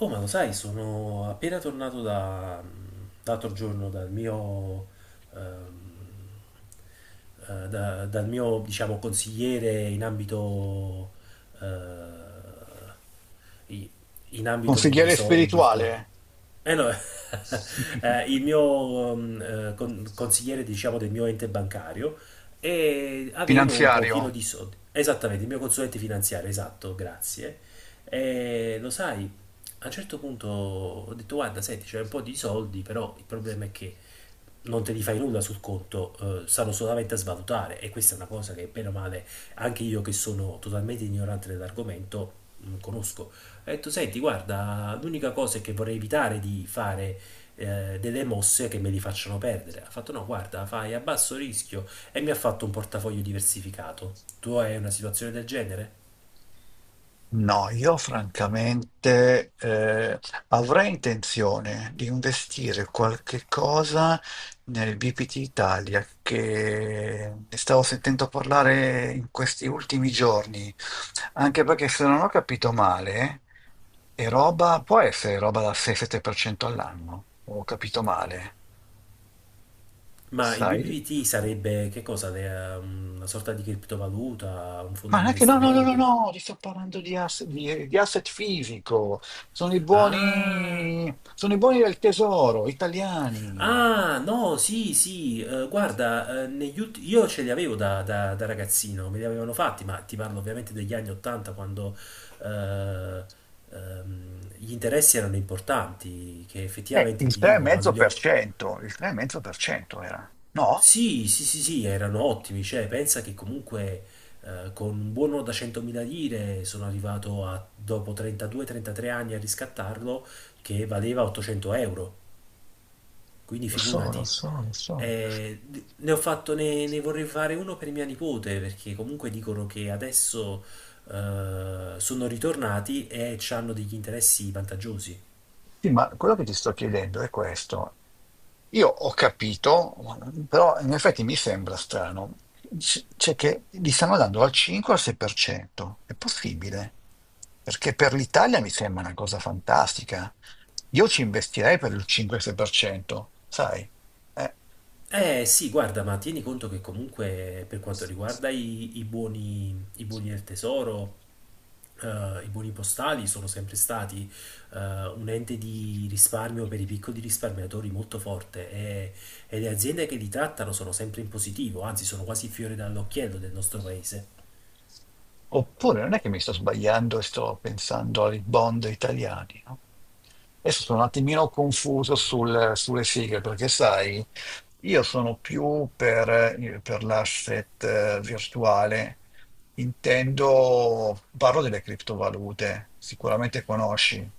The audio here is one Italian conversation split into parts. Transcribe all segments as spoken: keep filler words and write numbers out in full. Oh, ma lo sai, sono appena tornato da, l'altro giorno dal mio, ehm, eh, da- dal mio, diciamo, consigliere in ambito, eh, i- in ambito di, di Consigliere soldi e tutto quanto. spirituale? Eh no, eh, il mio ehm, eh, con- consigliere, diciamo, del mio ente bancario e avevo un pochino Finanziario? di soldi. Esattamente, il mio consulente finanziario, esatto, grazie. E lo sai, a un certo punto ho detto, guarda, senti, c'è un po' di soldi, però il problema è che non te li fai nulla sul conto, eh, stanno solamente a svalutare e questa è una cosa che bene o male anche io che sono totalmente ignorante dell'argomento non conosco. Ho detto, senti, guarda, l'unica cosa è che vorrei evitare di fare eh, delle mosse che me li facciano perdere. Ha fatto, no, guarda, fai a basso rischio e mi ha fatto un portafoglio diversificato. Tu hai una situazione del genere? No, io francamente eh, avrei intenzione di investire qualche cosa nel B P T Italia che ne stavo sentendo parlare in questi ultimi giorni, anche perché se non ho capito male, è roba, può essere roba da sei-sette per cento all'anno, ho capito male. Ma il Sai, B B V T sarebbe che cosa? De- um, Una sorta di criptovaluta, un fondo ma di non è che, no, no, no, no, investimento? no, ti sto parlando di, ass- di- di asset fisico. Sono i Ah, buoni, Sono i buoni del tesoro, italiani. ah, no, sì, sì, eh, guarda, eh, negli ulti- io ce li avevo da, da- da ragazzino, me li avevano fatti, ma ti parlo ovviamente degli anni ottanta quando eh, ehm, gli interessi erano importanti, che effettivamente ti Eh, dico, quando li il ho. 3,5%, il 3,5% era. No? Sì, sì, sì, sì, erano ottimi, cioè pensa che comunque eh, con un buono da centomila lire sono arrivato a, dopo trentadue trentatré anni a riscattarlo che valeva ottocento euro, quindi Lo so, lo figurati. so, lo so. Eh, ne ho fatto, ne, ne vorrei fare uno per mia nipote perché comunque dicono che adesso eh, sono ritornati e hanno degli interessi vantaggiosi. Sì, ma quello che ti sto chiedendo è questo. Io ho capito, però in effetti mi sembra strano, c- cioè che li stanno dando dal cinque al sei per cento. È possibile? Perché per l'Italia mi sembra una cosa fantastica. Io ci investirei per il cinque-sei per cento, sai? Eh, Eh sì, guarda, ma tieni conto che comunque per quanto riguarda i, i buoni, i buoni del tesoro... eh, i buoni postali sono sempre stati eh, un ente di risparmio per i piccoli risparmiatori molto forte e, e le aziende che li trattano sono sempre in positivo, anzi sono quasi fiore dall'occhiello del nostro paese. Oppure non è che mi sto sbagliando e sto pensando ai bond italiani, no? Adesso sono un attimino confuso sul- sulle sigle, perché sai, io sono più per, eh, per l'asset eh, virtuale, intendo, parlo delle criptovalute, sicuramente conosci.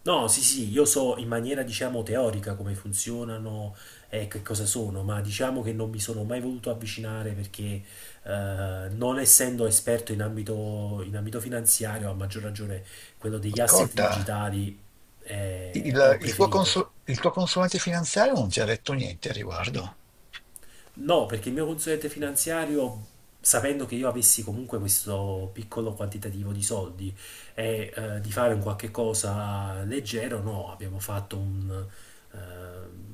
No, sì, sì, sì, io so in maniera diciamo teorica come funzionano e che cosa sono, ma diciamo che non mi sono mai voluto avvicinare perché eh, non essendo esperto in ambito, in ambito finanziario, a maggior ragione quello degli asset Ascolta, digitali, eh, il, ho il tuo preferito. consul- il tuo consulente finanziario non ti ha detto niente a riguardo? No, perché il mio consulente finanziario, sapendo che io avessi comunque questo piccolo quantitativo di soldi e eh, di fare un qualche cosa leggero, no, abbiamo fatto un, eh,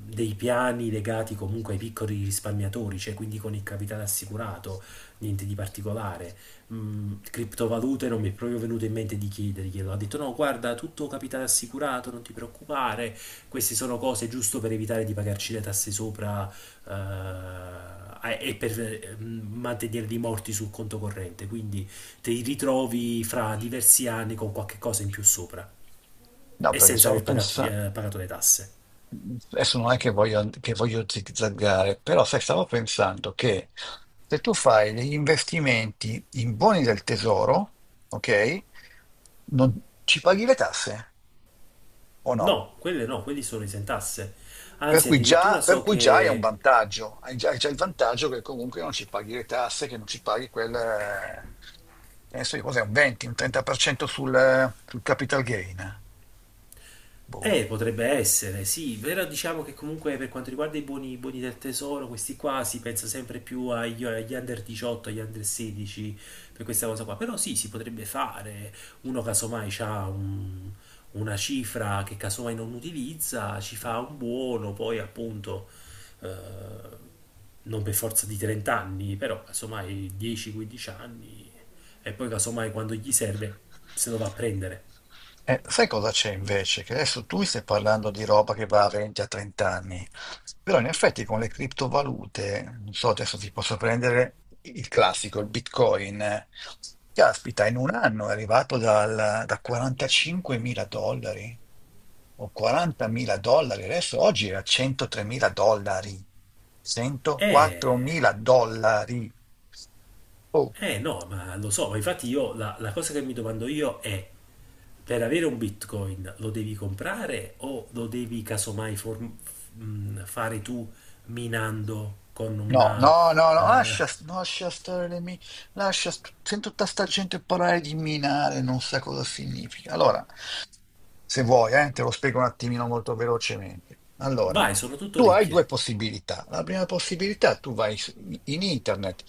dei piani legati comunque ai piccoli risparmiatori, cioè quindi con il capitale assicurato, niente di particolare. Mm, criptovalute non mi è proprio venuto in mente di chiederglielo. Ha detto no, guarda, tutto capitale assicurato, non ti preoccupare, queste sono cose giusto per evitare di pagarci le tasse sopra eh, e per ehm, mantenere dei morti sul conto corrente, quindi ti ritrovi fra diversi anni con qualche cosa in più sopra No, e perché senza stavo aver pagato, pensando... eh, pagato le tasse. Adesso non è che voglio, che voglio zigzaggare, però sai, stavo pensando che se tu fai degli investimenti in buoni del tesoro, ok, non ci paghi le tasse o no? No, quelle no, quelli sono esentasse. Per Anzi, cui addirittura già, per so cui già è un che... vantaggio, hai già, hai già il vantaggio che comunque non ci paghi le tasse, che non ci paghi quel... eh, che ne so io, cos'è, un venti, un trenta per cento sul, sul capital gain. Boh. Eh, potrebbe essere, sì, però diciamo che comunque per quanto riguarda i buoni, i buoni del tesoro, questi qua si pensa sempre più agli, agli under diciotto, agli under sedici, per questa cosa qua, però sì, si potrebbe fare, uno casomai ha una cifra che casomai non utilizza, ci fa un buono, poi appunto, eh, non per forza di trenta anni, però casomai dieci quindici anni, e poi casomai quando gli serve se lo va a prendere. Eh, sai cosa c'è invece? Che adesso tu mi stai parlando di roba che va a venti a trenta anni, però in effetti con le criptovalute, non so, adesso ti posso prendere il classico, il Bitcoin. eh. Caspita, in un anno è arrivato dal- da quarantacinque mila dollari o quaranta mila dollari, adesso oggi è a centotré mila dollari, centoquattro Eh... mila dollari. Oh, Eh no, ma lo so, ma infatti io la, la cosa che mi domando io è, per avere un Bitcoin lo devi comprare o lo devi casomai form- f- mh, fare tu minando con no, una... no, no, no, eh, lascia, lascia stare le mine, lascia, st- sento tutta sta gente parlare di minare, non sa cosa significa. Allora, se vuoi, eh, te lo spiego un attimino molto velocemente. Allora, vai, sono tutto tu hai ricche, due possibilità. La prima possibilità, tu vai su- in internet,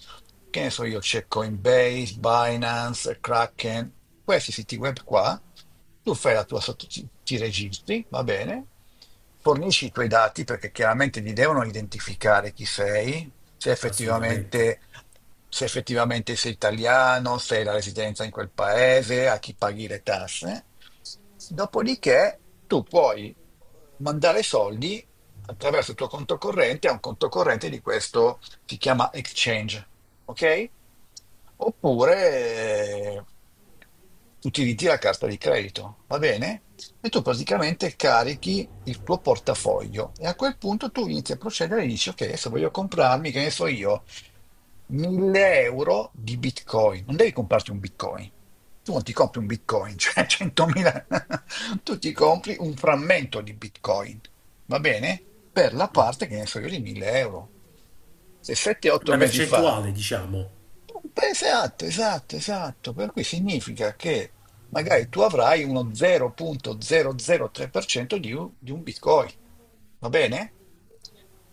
che ne so io, c'è Coinbase, Binance, Kraken, questi siti web qua, tu fai la tua sotto, ti ti registri, va bene, fornisci i tuoi dati perché chiaramente ti devono identificare chi sei, se assolutamente. effettivamente, se effettivamente sei italiano, se hai la residenza in quel paese, a chi paghi le tasse. Dopodiché tu puoi eh, mandare soldi attraverso il tuo conto corrente a un conto corrente di questo, si chiama exchange, ok? Oppure eh, utilizzi la carta di credito, va bene? E tu praticamente carichi il tuo portafoglio e a quel punto tu inizi a procedere e dici, ok, adesso voglio comprarmi, che ne so io, mille euro di Bitcoin. Non devi comprarti un Bitcoin. Tu non ti compri un Bitcoin, cioè centomila. Tu ti compri un frammento di Bitcoin, va bene? Per la parte, che ne so io, di mille euro. Se sette otto Una mesi fa percentuale, diciamo. Beh, esatto, esatto, esatto. Per cui significa che magari tu avrai uno zero virgola zero zero tre per cento di un, di un Bitcoin. Va bene?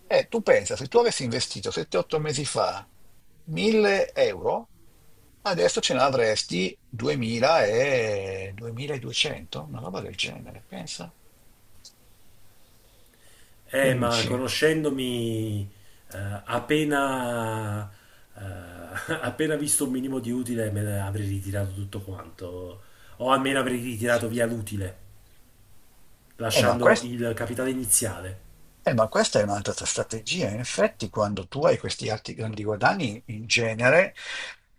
E tu pensa, se tu avessi investito sette otto mesi fa mille euro, adesso ce ne avresti duemila e duemiladuecento, una roba del genere, pensa. Che Eh, ma dici? conoscendomi, eh, appena, eh, appena visto un minimo di utile me ne avrei ritirato tutto quanto, o almeno avrei ritirato via l'utile, Eh, ma lasciando questo. il capitale iniziale. Eh, ma questa è un'altra tua strategia. In effetti, quando tu hai questi alti grandi guadagni, in genere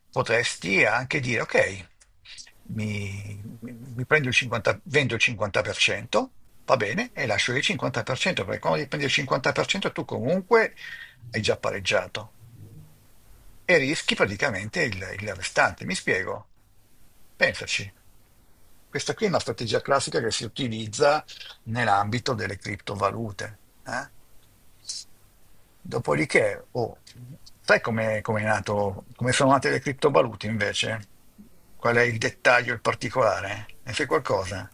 potresti anche dire: ok, mi, mi prendo il cinquanta, vendo il cinquanta per cento, va bene, e lascio il cinquanta per cento, perché quando ti prendi il cinquanta per cento tu comunque hai già pareggiato e rischi praticamente il, il restante. Mi spiego? Pensaci. Questa qui è una strategia classica che si utilizza nell'ambito delle criptovalute. eh. Dopodiché, oh, sai come come è nato, come sono nate le criptovalute invece? Qual è il dettaglio, il particolare? Ne sai qualcosa?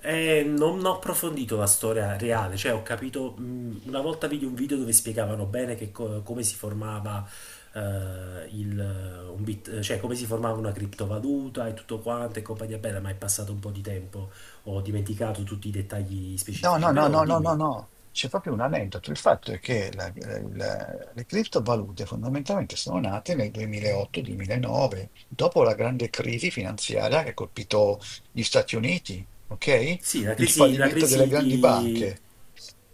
E non ho approfondito la storia reale, cioè ho capito, mh, una volta vidi un video dove spiegavano bene che co- come si formava eh, il, eh, un bit- cioè come si formava una criptovaluta e tutto quanto e compagnia bella, ma è passato un po' di tempo, ho dimenticato tutti i dettagli No, specifici, no, no, però no, no, no, dimmi. no. C'è proprio un aneddoto. Il fatto è che la- la- la- le criptovalute fondamentalmente sono nate nel duemilaotto-duemilanove, dopo la grande crisi finanziaria che ha colpito gli Stati Uniti, ok? Sì, la Il crisi, la fallimento delle crisi grandi di... banche.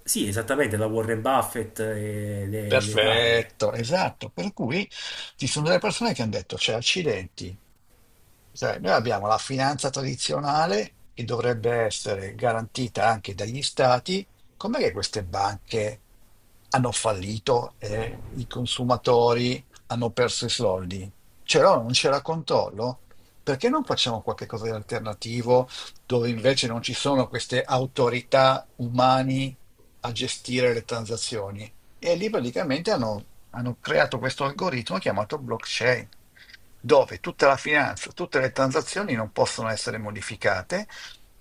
Sì, esattamente, la Warren Buffett e le, le varie. Perfetto, esatto. Per cui ci sono delle persone che hanno detto, cioè, accidenti, sai, noi abbiamo la finanza tradizionale che dovrebbe essere garantita anche dagli stati, com'è che queste banche hanno fallito e i consumatori hanno perso i soldi? C'era o non c'era controllo? Perché non facciamo qualche cosa di alternativo dove invece non ci sono queste autorità umane a gestire le transazioni? E lì praticamente hanno, hanno creato questo algoritmo chiamato blockchain, dove tutta la finanza, tutte le transazioni non possono essere modificate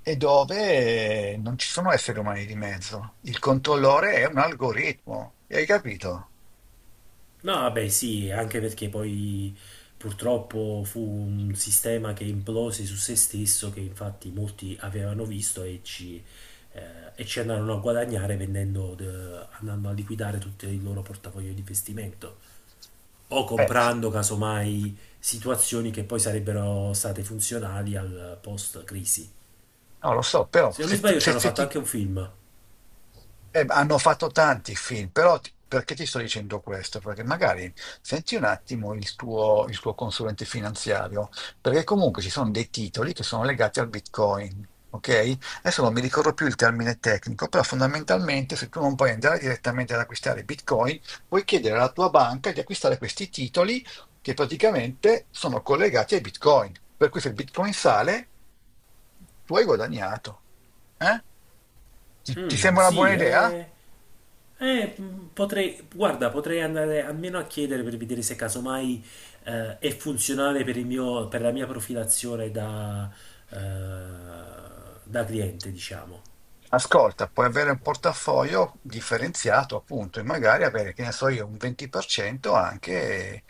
e dove eh, non ci sono esseri umani di mezzo. Il controllore è un algoritmo, hai capito? No, vabbè, sì, anche perché poi purtroppo fu un sistema che implose su se stesso, che infatti molti avevano visto e ci, eh, e ci andarono a guadagnare vendendo, de- andando a liquidare tutto il loro portafoglio di investimento o Eh, s- comprando casomai situazioni che poi sarebbero state funzionali al post-crisi. no, lo so, però Se non mi se tu, sbaglio, ci se, hanno se fatto ti, anche un film. Eh, ma hanno fatto tanti film, però ti- perché ti sto dicendo questo? Perché magari senti un attimo il tuo, il tuo consulente finanziario, perché comunque ci sono dei titoli che sono legati al Bitcoin, ok? Adesso non mi ricordo più il termine tecnico, però fondamentalmente se tu non puoi andare direttamente ad acquistare Bitcoin, puoi chiedere alla tua banca di acquistare questi titoli che praticamente sono collegati ai Bitcoin. Per cui se il Bitcoin sale, tu hai guadagnato. eh? Ti, ti Mm, sembra una buona sì, idea? eh. Eh, mh, potrei, guarda, potrei andare almeno a chiedere per vedere se casomai eh, è funzionale per il mio, per la mia profilazione da, eh, da cliente, diciamo. Ascolta, puoi avere un portafoglio differenziato, appunto, e magari avere, che ne so io, un venti per cento anche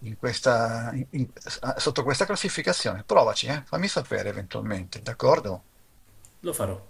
in questa, in- in- sotto questa classificazione. Provaci, eh? Fammi sapere eventualmente, d'accordo? Lo farò.